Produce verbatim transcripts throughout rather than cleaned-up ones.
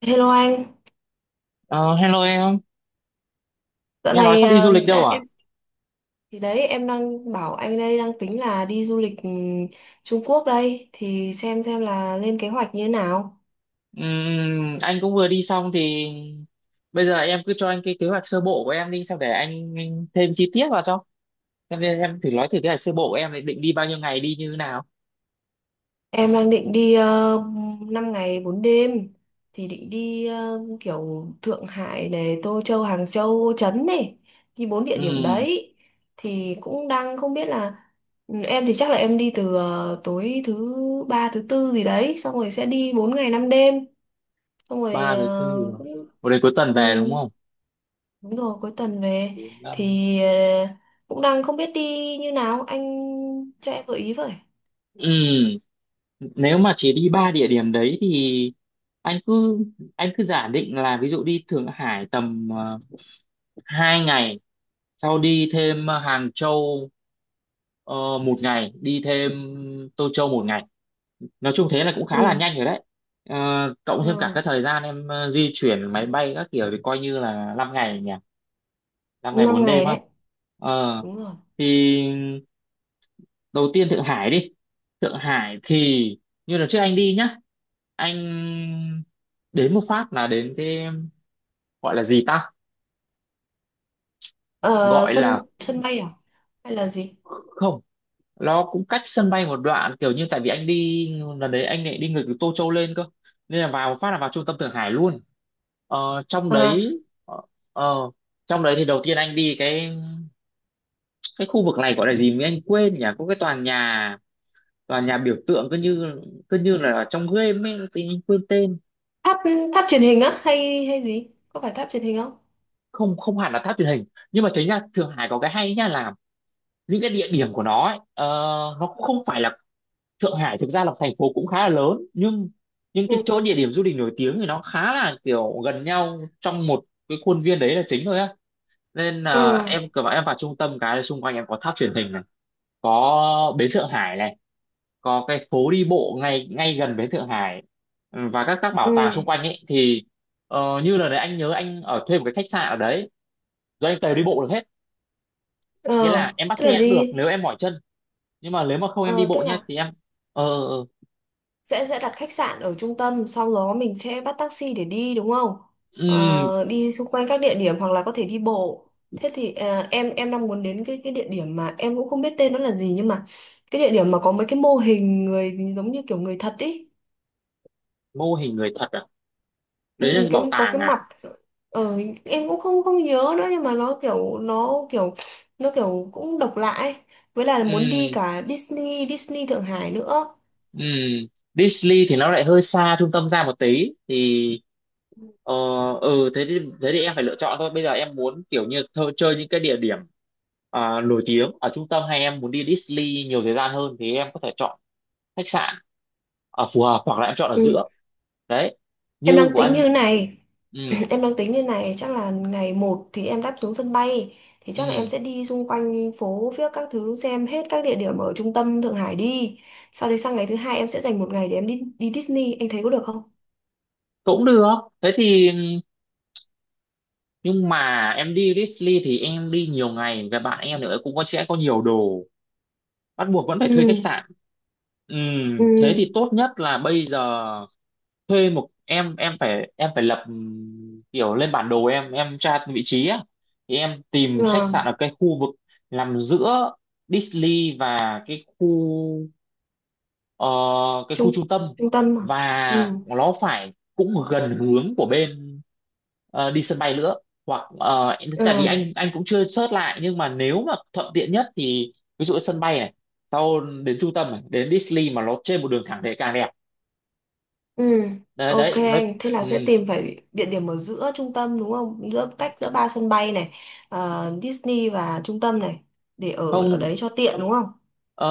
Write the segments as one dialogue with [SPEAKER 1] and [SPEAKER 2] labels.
[SPEAKER 1] Hello anh,
[SPEAKER 2] Ờ, Hello em,
[SPEAKER 1] dạo
[SPEAKER 2] nghe nói
[SPEAKER 1] này
[SPEAKER 2] sắp đi du
[SPEAKER 1] à,
[SPEAKER 2] lịch đâu
[SPEAKER 1] đã,
[SPEAKER 2] à?
[SPEAKER 1] em thì đấy em đang bảo anh đây đang tính là đi du lịch ừ, Trung Quốc đây thì xem xem là lên kế hoạch như thế nào.
[SPEAKER 2] Ừm, anh cũng vừa đi xong thì bây giờ em cứ cho anh cái kế hoạch sơ bộ của em đi, xong để anh, thêm chi tiết vào cho. Em, em thử nói thử kế hoạch sơ bộ của em thì định đi bao nhiêu ngày đi như thế nào?
[SPEAKER 1] Em đang định đi uh, năm ngày bốn đêm thì định đi ờ, kiểu Thượng Hải này, Tô Châu, Hàng Châu, Ô Trấn này, đi bốn địa điểm
[SPEAKER 2] Ừm,
[SPEAKER 1] đấy thì cũng đang không biết là ừ, em thì chắc là em đi từ ờ, tối thứ ba thứ tư gì đấy xong rồi sẽ đi bốn ngày năm đêm xong rồi
[SPEAKER 2] Ba thứ tư,
[SPEAKER 1] ờ, cũng
[SPEAKER 2] một đến cuối tuần
[SPEAKER 1] ừ,
[SPEAKER 2] về đúng không?
[SPEAKER 1] đúng rồi cuối tuần về
[SPEAKER 2] Bốn,
[SPEAKER 1] thì
[SPEAKER 2] năm.
[SPEAKER 1] ờ, cũng đang không biết đi như nào anh cho em gợi ý với
[SPEAKER 2] Ừm, Nếu mà chỉ đi ba địa điểm đấy thì anh cứ anh cứ giả định là ví dụ đi Thượng Hải tầm ờ, hai ngày, sau đi thêm ờ, Hàng Châu ờ, một ngày, đi thêm Tô Châu một ngày. Nói chung thế là cũng
[SPEAKER 1] ừ.
[SPEAKER 2] khá là nhanh rồi đấy. Ờ, cộng thêm cả
[SPEAKER 1] Ừ.
[SPEAKER 2] cái thời gian em ờ, di chuyển máy bay các kiểu thì coi như là năm ngày nhỉ, năm ngày
[SPEAKER 1] năm
[SPEAKER 2] bốn đêm
[SPEAKER 1] ngày
[SPEAKER 2] á.
[SPEAKER 1] đấy,
[SPEAKER 2] ờ,
[SPEAKER 1] đúng rồi.
[SPEAKER 2] thì đầu tiên Thượng Hải đi. Thượng Hải thì như lần trước anh đi nhá, anh đến một phát là đến cái, gọi là gì ta,
[SPEAKER 1] Ờ,
[SPEAKER 2] gọi
[SPEAKER 1] sân
[SPEAKER 2] là.
[SPEAKER 1] sân bay à, hay là gì?
[SPEAKER 2] Không, nó cũng cách sân bay một đoạn, kiểu như tại vì anh đi lần đấy anh lại đi ngược từ Tô Châu lên cơ, nên là vào một phát là vào trung tâm Thượng Hải luôn. Ờ, trong
[SPEAKER 1] À,
[SPEAKER 2] đấy, ờ, ờ, trong đấy thì đầu tiên anh đi cái cái khu vực này gọi là gì mới anh quên nhỉ, có cái tòa nhà, tòa nhà biểu tượng cứ như, cứ như là ở trong game ấy thì anh quên tên.
[SPEAKER 1] tháp tháp truyền hình á, hay hay gì, có phải tháp truyền hình không?
[SPEAKER 2] Không, không hẳn là tháp truyền hình, nhưng mà chính ra Thượng Hải có cái hay nhá là những cái địa điểm của nó ấy, ờ, nó cũng không phải là. Thượng Hải thực ra là thành phố cũng khá là lớn, nhưng nhưng cái
[SPEAKER 1] Ừ.
[SPEAKER 2] chỗ địa điểm du lịch nổi tiếng thì nó khá là kiểu gần nhau trong một cái khuôn viên đấy là chính thôi á. Nên
[SPEAKER 1] Ừ.
[SPEAKER 2] là em cứ bảo em vào trung tâm cái là xung quanh em có tháp truyền hình này, có bến Thượng Hải này, có cái phố đi bộ ngay ngay gần bến Thượng Hải. Ừ, và các các
[SPEAKER 1] Ừ.
[SPEAKER 2] bảo tàng xung quanh ấy thì, ờ, như là đấy anh nhớ anh ở thuê một cái khách sạn ở đấy rồi anh tới đi bộ được hết.
[SPEAKER 1] ờ
[SPEAKER 2] Nghĩa là em bắt
[SPEAKER 1] tức là
[SPEAKER 2] xe cũng được
[SPEAKER 1] đi
[SPEAKER 2] nếu em mỏi chân, nhưng mà nếu mà không em đi
[SPEAKER 1] ờ tức
[SPEAKER 2] bộ nhá
[SPEAKER 1] là
[SPEAKER 2] thì em, ờ ờ, ờ.
[SPEAKER 1] sẽ sẽ đặt khách sạn ở trung tâm, sau đó mình sẽ bắt taxi để đi đúng không?
[SPEAKER 2] Ừm,
[SPEAKER 1] Ờ, đi xung quanh các địa điểm hoặc là có thể đi bộ. Thế thì à, em em đang muốn đến cái cái địa điểm mà em cũng không biết tên nó là gì, nhưng mà cái địa điểm mà có mấy cái mô hình người giống như kiểu người thật ý.
[SPEAKER 2] Mô hình người thật à? Đấy
[SPEAKER 1] Ừ,
[SPEAKER 2] là
[SPEAKER 1] cái
[SPEAKER 2] bảo
[SPEAKER 1] có
[SPEAKER 2] tàng
[SPEAKER 1] cái
[SPEAKER 2] à?
[SPEAKER 1] mặt, ờ, em cũng không không nhớ nữa, nhưng mà nó kiểu, nó kiểu nó kiểu cũng độc lạ ấy. Với là muốn đi
[SPEAKER 2] Ừ.
[SPEAKER 1] cả Disney Disney Thượng Hải nữa.
[SPEAKER 2] Ừ. Disney thì nó lại hơi xa trung tâm ra một tí thì, ờ ừ. Thế thì, thế thì em phải lựa chọn thôi, bây giờ em muốn kiểu như thơ, chơi những cái địa điểm, à, nổi tiếng ở trung tâm hay em muốn đi Disney nhiều thời gian hơn thì em có thể chọn khách sạn ở phù hợp, hoặc là em chọn ở
[SPEAKER 1] Ừ.
[SPEAKER 2] giữa đấy,
[SPEAKER 1] Em
[SPEAKER 2] như
[SPEAKER 1] đang
[SPEAKER 2] của
[SPEAKER 1] tính như
[SPEAKER 2] anh.
[SPEAKER 1] thế này.
[SPEAKER 2] Ừ.
[SPEAKER 1] Em đang tính như này, chắc là ngày một thì em đáp xuống sân bay, thì chắc là em
[SPEAKER 2] Ừ.
[SPEAKER 1] sẽ đi xung quanh phố viếc các thứ, xem hết các địa điểm ở trung tâm Thượng Hải đi. Sau đấy sang ngày thứ hai em sẽ dành một ngày để em đi đi Disney, anh thấy có được không?
[SPEAKER 2] Cũng được, thế thì, nhưng mà em đi Disney thì em đi nhiều ngày và bạn em nữa cũng có, sẽ có nhiều đồ, bắt buộc vẫn phải thuê khách
[SPEAKER 1] Ừ.
[SPEAKER 2] sạn. Ừ,
[SPEAKER 1] Ừ.
[SPEAKER 2] thế thì tốt nhất là bây giờ thuê một, em em phải em phải lập, ừm, kiểu lên bản đồ, em em tra vị trí á, thì em tìm khách
[SPEAKER 1] Ờ,
[SPEAKER 2] sạn ở cái khu vực nằm giữa Disney và cái khu ờ, cái khu
[SPEAKER 1] trung
[SPEAKER 2] trung tâm,
[SPEAKER 1] trung tâm mà. Ừ.
[SPEAKER 2] và nó phải cũng gần hướng của bên, ờ, đi sân bay nữa, hoặc ờ,
[SPEAKER 1] Ờ.
[SPEAKER 2] tại vì anh anh cũng chưa search lại, nhưng mà nếu mà thuận tiện nhất thì ví dụ ở sân bay này, sau đến trung tâm này, đến Disney mà nó trên một đường thẳng thì càng đẹp.
[SPEAKER 1] Ừ.
[SPEAKER 2] Đấy,
[SPEAKER 1] Ok,
[SPEAKER 2] đấy nó.
[SPEAKER 1] thế là sẽ
[SPEAKER 2] Ừ,
[SPEAKER 1] tìm phải địa điểm ở giữa trung tâm đúng không? Giữa cách giữa ba sân bay này, ờ, Disney và trung tâm này, để ở ở
[SPEAKER 2] không.
[SPEAKER 1] đấy cho tiện đúng không?
[SPEAKER 2] ờ,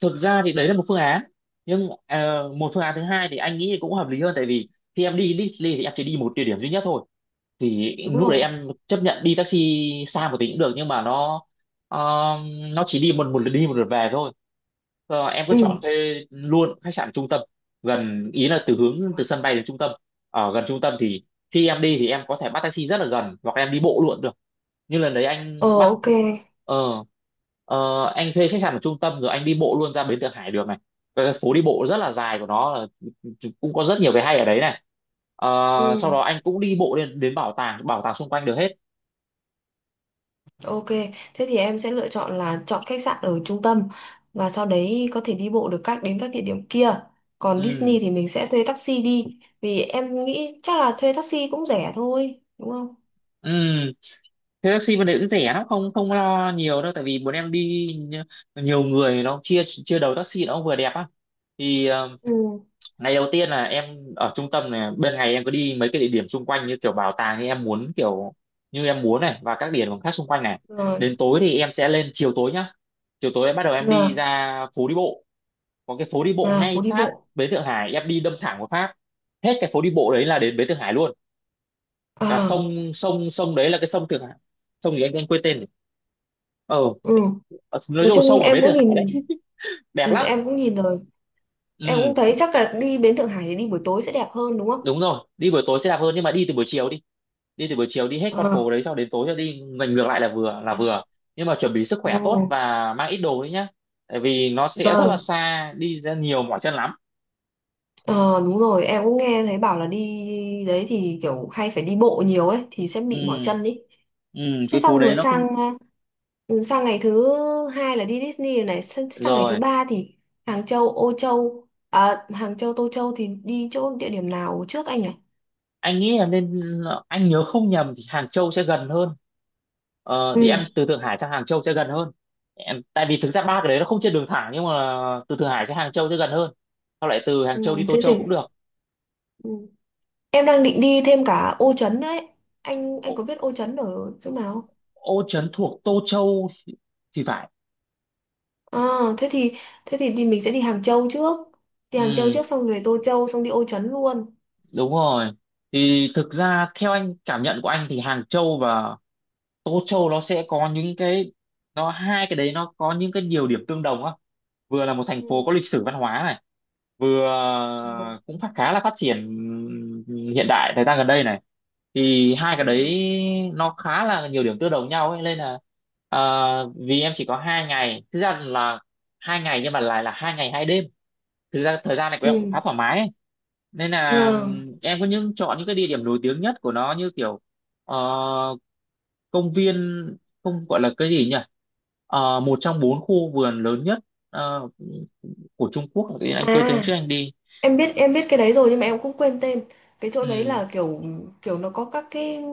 [SPEAKER 2] Thực ra thì đấy là một phương án, nhưng ờ, một phương án thứ hai thì anh nghĩ cũng hợp lý hơn, tại vì khi em đi Disney thì em chỉ đi một địa điểm duy nhất thôi, thì
[SPEAKER 1] Đúng
[SPEAKER 2] lúc đấy
[SPEAKER 1] rồi.
[SPEAKER 2] em chấp nhận đi taxi xa một tí cũng được, nhưng mà nó, ờ, nó chỉ đi một một lượt đi một lượt về thôi. Ờ, em cứ
[SPEAKER 1] Ừ.
[SPEAKER 2] chọn thuê luôn khách sạn trung tâm, gần ý là từ hướng từ sân bay đến trung tâm, ở gần trung tâm thì khi em đi thì em có thể bắt taxi rất là gần hoặc em đi bộ luôn được, như lần đấy anh
[SPEAKER 1] Ờ,
[SPEAKER 2] bắt,
[SPEAKER 1] ok.
[SPEAKER 2] ờ ờ, anh thuê khách sạn ở trung tâm rồi anh đi bộ luôn ra bến Thượng Hải được này, cái phố đi bộ rất là dài của nó là, cũng có rất nhiều cái hay ở đấy này. Ờ,
[SPEAKER 1] Ừ,
[SPEAKER 2] Sau đó anh cũng đi bộ lên đến bảo tàng, bảo tàng xung quanh được hết.
[SPEAKER 1] ok. Thế thì em sẽ lựa chọn là chọn khách sạn ở trung tâm, và sau đấy có thể đi bộ được các đến các địa điểm kia. Còn
[SPEAKER 2] Ừ.
[SPEAKER 1] Disney thì mình sẽ thuê taxi đi, vì em nghĩ chắc là thuê taxi cũng rẻ thôi, đúng không?
[SPEAKER 2] Ừ. Thế taxi bên đấy cũng rẻ lắm, không, không lo nhiều đâu, tại vì bọn em đi nhi- nhiều người nó chia chia đầu taxi nó cũng vừa đẹp á. Thì ờ,
[SPEAKER 1] Ừ.
[SPEAKER 2] ngày đầu tiên là em ở trung tâm này, bên ngày em có đi mấy cái địa điểm xung quanh như kiểu bảo tàng như em muốn, kiểu như em muốn này, và các địa điểm khác xung quanh này.
[SPEAKER 1] Rồi,
[SPEAKER 2] Đến tối thì em sẽ lên chiều tối nhá, chiều tối em bắt đầu em đi
[SPEAKER 1] là
[SPEAKER 2] ra phố đi bộ. Có cái phố đi bộ
[SPEAKER 1] là
[SPEAKER 2] ngay
[SPEAKER 1] phố đi
[SPEAKER 2] sát
[SPEAKER 1] bộ.
[SPEAKER 2] bến Thượng Hải, em đi đâm thẳng vào Pháp, hết cái phố đi bộ đấy là đến bến Thượng Hải luôn, là
[SPEAKER 1] À,
[SPEAKER 2] sông sông sông đấy, là cái sông Thượng Hải. Sông gì anh, anh quên tên rồi. ờ
[SPEAKER 1] ừ.
[SPEAKER 2] ờ, nói
[SPEAKER 1] Nói
[SPEAKER 2] chung là
[SPEAKER 1] chung
[SPEAKER 2] sông ở
[SPEAKER 1] em
[SPEAKER 2] bến
[SPEAKER 1] cũng
[SPEAKER 2] Thượng Hải đấy
[SPEAKER 1] nhìn,
[SPEAKER 2] đẹp
[SPEAKER 1] ừ,
[SPEAKER 2] lắm.
[SPEAKER 1] em cũng nhìn rồi. Em
[SPEAKER 2] Ừ,
[SPEAKER 1] cũng thấy chắc là đi bến Thượng Hải thì đi buổi tối sẽ đẹp hơn đúng không?
[SPEAKER 2] đúng rồi, đi buổi tối sẽ đẹp hơn, nhưng mà đi từ buổi chiều đi đi từ buổi chiều đi hết con
[SPEAKER 1] Ờ.
[SPEAKER 2] phố đấy, xong đến tối rồi đi ngoảnh ngược lại là vừa, là
[SPEAKER 1] À,
[SPEAKER 2] vừa. Nhưng mà chuẩn bị sức khỏe tốt
[SPEAKER 1] ồ,
[SPEAKER 2] và mang ít đồ đấy nhá, tại vì nó sẽ rất là
[SPEAKER 1] vâng.
[SPEAKER 2] xa đi ra nhiều mỏi chân lắm.
[SPEAKER 1] Ờ, đúng rồi, em cũng nghe thấy bảo là đi đấy thì kiểu hay phải đi bộ nhiều ấy, thì sẽ bị mỏi
[SPEAKER 2] Ừ.
[SPEAKER 1] chân ý.
[SPEAKER 2] Ừ.
[SPEAKER 1] Thế
[SPEAKER 2] Cái phố
[SPEAKER 1] xong
[SPEAKER 2] đấy
[SPEAKER 1] rồi
[SPEAKER 2] nó
[SPEAKER 1] sang,
[SPEAKER 2] cũng,
[SPEAKER 1] ừ, sang ngày thứ hai là đi Disney rồi, này sang, sang ngày thứ
[SPEAKER 2] rồi,
[SPEAKER 1] ba thì Hàng Châu Ô Châu, à, Hàng Châu Tô Châu thì đi chỗ địa điểm nào trước anh nhỉ?
[SPEAKER 2] anh nghĩ là nên, anh nhớ không nhầm thì Hàng Châu sẽ gần hơn, ờ, đi
[SPEAKER 1] Ừ.
[SPEAKER 2] ăn từ Thượng Hải sang Hàng Châu sẽ gần hơn. Em, tại vì thực ra ba cái đấy nó không trên đường thẳng, nhưng mà từ Thượng Hải sang Hàng Châu sẽ gần hơn, sau lại từ Hàng
[SPEAKER 1] Ừ,
[SPEAKER 2] Châu đi Tô
[SPEAKER 1] thế
[SPEAKER 2] Châu
[SPEAKER 1] thì
[SPEAKER 2] cũng được.
[SPEAKER 1] ừ. Em đang định đi thêm cả Ô Trấn đấy, anh
[SPEAKER 2] Ô,
[SPEAKER 1] anh có biết Ô Trấn ở chỗ nào không?
[SPEAKER 2] Ô Trấn thuộc Tô Châu thì phải.
[SPEAKER 1] À, thế thì thế thì đi mình sẽ đi Hàng Châu trước, đi Hàng Châu
[SPEAKER 2] Ừ.
[SPEAKER 1] trước xong về Tô Châu xong đi Ô Trấn luôn.
[SPEAKER 2] Đúng rồi. Thì thực ra theo anh, cảm nhận của anh thì Hàng Châu và Tô Châu nó sẽ có những cái nó, hai cái đấy nó có những cái nhiều điểm tương đồng á. Vừa là một thành phố
[SPEAKER 1] Ừ.
[SPEAKER 2] có lịch sử văn hóa này, vừa
[SPEAKER 1] Rồi.
[SPEAKER 2] cũng phát khá là phát triển hiện đại thời gian gần đây này. Thì hai cái
[SPEAKER 1] Ừ.
[SPEAKER 2] đấy nó khá là nhiều điểm tương đồng nhau ấy nên là, à, vì em chỉ có hai ngày, thực ra là hai ngày nhưng mà lại là hai ngày hai đêm, thực ra thời gian này của
[SPEAKER 1] Ừ.
[SPEAKER 2] em cũng khá thoải mái ấy. Nên là
[SPEAKER 1] Vâng.
[SPEAKER 2] ừm, em có những chọn những cái địa điểm nổi tiếng nhất của nó như kiểu, ờ, công viên, không, gọi là cái gì nhỉ. Ờ, một trong bốn khu vườn lớn nhất, ờ, của Trung Quốc, tự anh quên tên hôm trước
[SPEAKER 1] À,
[SPEAKER 2] anh đi.
[SPEAKER 1] em biết em biết cái đấy rồi nhưng mà em cũng quên tên. Cái chỗ đấy
[SPEAKER 2] Ừ.
[SPEAKER 1] là kiểu, kiểu nó có các cái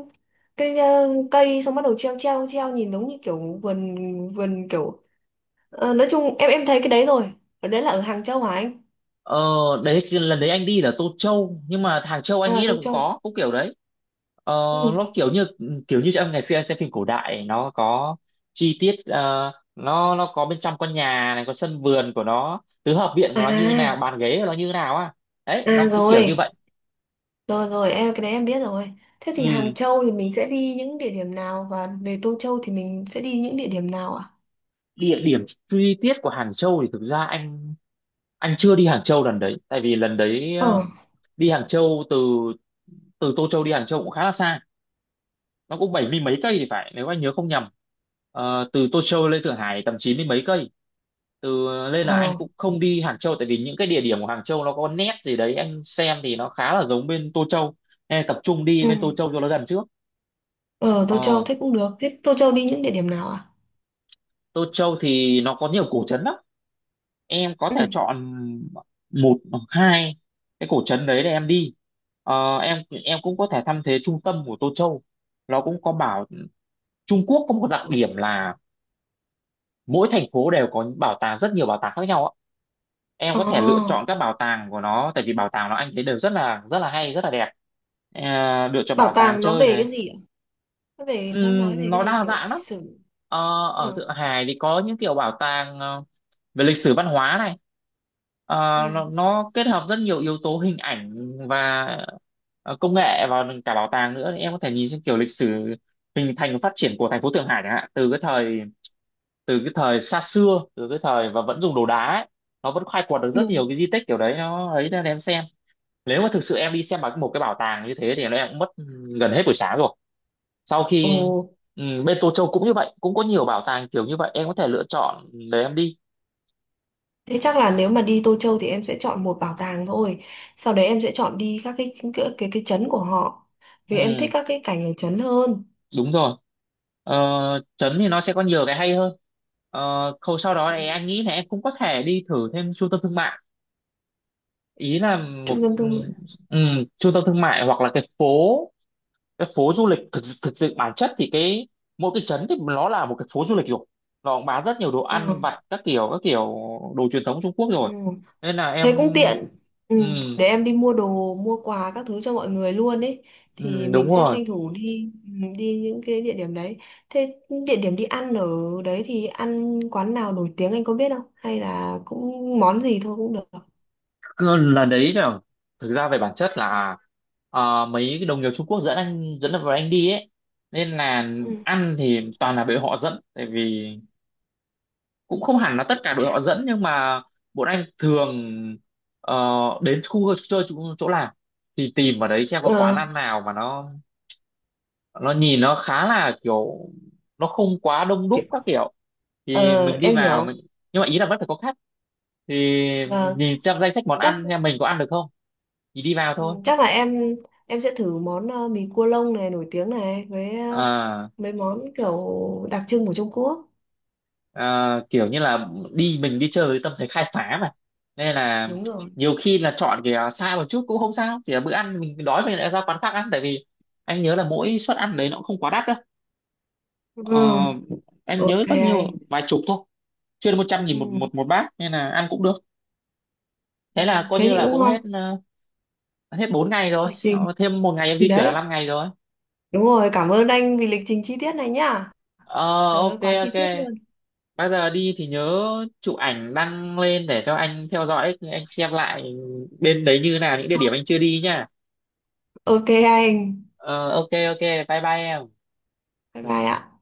[SPEAKER 1] cái ờ, cây xong bắt đầu treo treo treo nhìn giống như kiểu vườn, vườn kiểu ờ, nói chung em em thấy cái đấy rồi. Ở đấy là ở Hàng Châu hả anh?
[SPEAKER 2] Ờ, Đấy lần đấy anh đi là Tô Châu, nhưng mà Hàng Châu anh
[SPEAKER 1] À,
[SPEAKER 2] nghĩ là
[SPEAKER 1] Tô
[SPEAKER 2] cũng
[SPEAKER 1] Châu.
[SPEAKER 2] có cũng kiểu đấy. ờ,
[SPEAKER 1] Ừ.
[SPEAKER 2] nó kiểu như kiểu như trong ngày xưa anh xem phim cổ đại nó có chi tiết, ờ, nó nó có bên trong con nhà này có sân vườn của nó, tứ hợp viện của
[SPEAKER 1] À,
[SPEAKER 2] nó như nào bàn ghế của nó như nào á. Đấy
[SPEAKER 1] à
[SPEAKER 2] nó cũng kiểu như
[SPEAKER 1] rồi.
[SPEAKER 2] vậy.
[SPEAKER 1] Rồi rồi em cái đấy em biết rồi. Thế thì Hàng
[SPEAKER 2] Ừ.
[SPEAKER 1] Châu thì mình sẽ đi những địa điểm nào, và về Tô Châu thì mình sẽ đi những địa điểm nào ạ?
[SPEAKER 2] Địa điểm chi tiết của Hàng Châu thì thực ra anh anh chưa đi Hàng Châu lần đấy. Tại vì lần đấy ờ,
[SPEAKER 1] Ờ.
[SPEAKER 2] đi Hàng Châu từ từ Tô Châu đi Hàng Châu cũng khá là xa, nó cũng bảy mươi mấy cây thì phải, nếu anh nhớ không nhầm. Ờ, từ Tô Châu lên Thượng Hải tầm chín mươi mấy cây. từ Nên là anh
[SPEAKER 1] Ờ.
[SPEAKER 2] cũng không đi Hàng Châu, tại vì những cái địa điểm của Hàng Châu nó có nét gì đấy anh xem thì nó khá là giống bên Tô Châu, nên là tập trung đi bên Tô
[SPEAKER 1] Ừ.
[SPEAKER 2] Châu cho nó gần trước.
[SPEAKER 1] Ờ, Tô Châu
[SPEAKER 2] Ờ,
[SPEAKER 1] thế cũng được. Thế Tô Châu đi những địa điểm nào à?
[SPEAKER 2] Tô Châu thì nó có nhiều cổ trấn lắm, em có
[SPEAKER 1] Ừ.
[SPEAKER 2] thể chọn một hoặc hai cái cổ trấn đấy để em đi. Ờ, em em cũng có thể thăm thế trung tâm của Tô Châu. Nó cũng có bảo Trung Quốc có một đặc điểm là mỗi thành phố đều có bảo tàng, rất nhiều bảo tàng khác nhau ạ. Em
[SPEAKER 1] Ờ,
[SPEAKER 2] có thể lựa chọn các bảo tàng của nó, tại vì bảo tàng nó anh thấy đều rất là rất là hay, rất là đẹp. À, lựa chọn
[SPEAKER 1] bảo
[SPEAKER 2] bảo tàng
[SPEAKER 1] tàng nó
[SPEAKER 2] chơi
[SPEAKER 1] về
[SPEAKER 2] này.
[SPEAKER 1] cái gì ạ? Nó về, nó nói về
[SPEAKER 2] Ừm,
[SPEAKER 1] cái
[SPEAKER 2] nó
[SPEAKER 1] gì,
[SPEAKER 2] đa
[SPEAKER 1] kiểu
[SPEAKER 2] dạng
[SPEAKER 1] lịch
[SPEAKER 2] lắm.
[SPEAKER 1] sử.
[SPEAKER 2] Ờ, Ở
[SPEAKER 1] Ờ.
[SPEAKER 2] Thượng Hải thì có những kiểu bảo tàng ờ, về lịch sử văn hóa này. Ờ,
[SPEAKER 1] Ừ.
[SPEAKER 2] nó, nó kết hợp rất nhiều yếu tố hình ảnh và ờ, công nghệ vào cả bảo tàng nữa. Thì em có thể nhìn xem kiểu lịch sử hình thành và phát triển của thành phố Thượng Hải, chẳng hạn từ cái thời từ cái thời xa xưa, từ cái thời và vẫn dùng đồ đá ấy, nó vẫn khai quật được
[SPEAKER 1] Ừ.
[SPEAKER 2] rất nhiều cái di tích kiểu đấy nó ấy, nên em xem. Nếu mà thực sự em đi xem bằng một cái bảo tàng như thế thì em cũng mất gần hết buổi sáng rồi. sau
[SPEAKER 1] Ồ,
[SPEAKER 2] khi ừ, Bên Tô Châu cũng như vậy, cũng có nhiều bảo tàng kiểu như vậy, em có thể lựa chọn để em đi.
[SPEAKER 1] thế chắc là nếu mà đi Tô Châu thì em sẽ chọn một bảo tàng thôi. Sau đấy em sẽ chọn đi các cái cái cái, cái trấn của họ. Vì em
[SPEAKER 2] Ừ,
[SPEAKER 1] thích các cái cảnh ở trấn hơn,
[SPEAKER 2] đúng rồi. ờ, Trấn thì nó sẽ có nhiều cái hay hơn. Ờ, khâu sau đó thì anh nghĩ là em cũng có thể đi thử thêm trung tâm thương mại, ý là một
[SPEAKER 1] trung tâm
[SPEAKER 2] ừ,
[SPEAKER 1] thương mại.
[SPEAKER 2] ừ, trung tâm thương mại hoặc là cái phố cái phố du lịch. Thực thực sự bản chất thì cái mỗi cái trấn thì nó là một cái phố du lịch rồi, nó cũng bán rất nhiều đồ
[SPEAKER 1] Ờ.
[SPEAKER 2] ăn vặt các kiểu, các kiểu đồ truyền thống Trung Quốc
[SPEAKER 1] Ừ.
[SPEAKER 2] rồi, nên là
[SPEAKER 1] Thế
[SPEAKER 2] em.
[SPEAKER 1] cũng tiện. Ừ,
[SPEAKER 2] Ừ.
[SPEAKER 1] để em đi mua đồ, mua quà các thứ cho mọi người luôn ấy. Thì
[SPEAKER 2] Ừ, đúng
[SPEAKER 1] mình sẽ
[SPEAKER 2] rồi.
[SPEAKER 1] tranh thủ đi, ừ, đi những cái địa điểm đấy. Thế địa điểm đi ăn ở đấy thì ăn quán nào nổi tiếng anh có biết không? Hay là cũng món gì thôi cũng được.
[SPEAKER 2] Cứ lần đấy là, thực ra về bản chất là, ờ, mấy cái đồng nghiệp Trung Quốc dẫn anh dẫn vào anh đi ấy, nên là
[SPEAKER 1] Ừ.
[SPEAKER 2] ăn thì toàn là đội họ dẫn. Tại vì cũng không hẳn là tất cả đội họ dẫn, nhưng mà bọn anh thường ờ, đến khu chơi, chỗ, chỗ làm thì tìm ở đấy xem có quán
[SPEAKER 1] Ờ,
[SPEAKER 2] ăn nào mà nó nó nhìn nó khá là kiểu nó không quá đông đúc các
[SPEAKER 1] kiểu-
[SPEAKER 2] kiểu, thì
[SPEAKER 1] ờ,
[SPEAKER 2] mình đi
[SPEAKER 1] em
[SPEAKER 2] vào
[SPEAKER 1] hiểu.
[SPEAKER 2] mình. Nhưng mà ý là vẫn phải có khách, thì
[SPEAKER 1] Vâng,
[SPEAKER 2] nhìn xem danh sách món
[SPEAKER 1] chắc
[SPEAKER 2] ăn xem mình có ăn được không, thì đi vào
[SPEAKER 1] ừ,
[SPEAKER 2] thôi.
[SPEAKER 1] chắc là em em sẽ thử món ờ, mì cua lông này nổi tiếng này với ờ,
[SPEAKER 2] à,
[SPEAKER 1] mấy món kiểu đặc trưng của Trung Quốc.
[SPEAKER 2] à, Kiểu như là đi mình đi chơi với tâm thế khai phá mà, nên là
[SPEAKER 1] Đúng rồi.
[SPEAKER 2] nhiều khi là chọn cái à, xa một chút cũng không sao, chỉ là bữa ăn mình đói mình lại ra quán khác ăn. Tại vì anh nhớ là mỗi suất ăn đấy nó cũng không quá đắt đâu. Ờ,
[SPEAKER 1] Ừ,
[SPEAKER 2] em nhớ
[SPEAKER 1] ok
[SPEAKER 2] bao nhiêu
[SPEAKER 1] anh.
[SPEAKER 2] vài chục thôi, chưa đến một trăm
[SPEAKER 1] Ừ.
[SPEAKER 2] nghìn một một một bát, nên là ăn cũng được.
[SPEAKER 1] Ừ,
[SPEAKER 2] Thế là coi
[SPEAKER 1] thế
[SPEAKER 2] như
[SPEAKER 1] thì
[SPEAKER 2] là
[SPEAKER 1] cũng
[SPEAKER 2] cũng hết
[SPEAKER 1] ngon.
[SPEAKER 2] ờ, hết bốn ngày rồi.
[SPEAKER 1] Lịch trình
[SPEAKER 2] Ờ, Thêm một ngày em di chuyển là
[SPEAKER 1] đấy.
[SPEAKER 2] năm ngày rồi.
[SPEAKER 1] Đúng rồi, cảm ơn anh vì lịch trình chi tiết này nhá.
[SPEAKER 2] ờ
[SPEAKER 1] Trời ơi,
[SPEAKER 2] ok,
[SPEAKER 1] quá chi
[SPEAKER 2] ok.
[SPEAKER 1] tiết luôn.
[SPEAKER 2] Bây giờ đi thì nhớ chụp ảnh đăng lên để cho anh theo dõi, anh xem lại bên đấy như nào, những địa điểm anh chưa đi nha.
[SPEAKER 1] Ok anh.
[SPEAKER 2] ờ ok, ok. Bye bye em.
[SPEAKER 1] Bye bye ạ.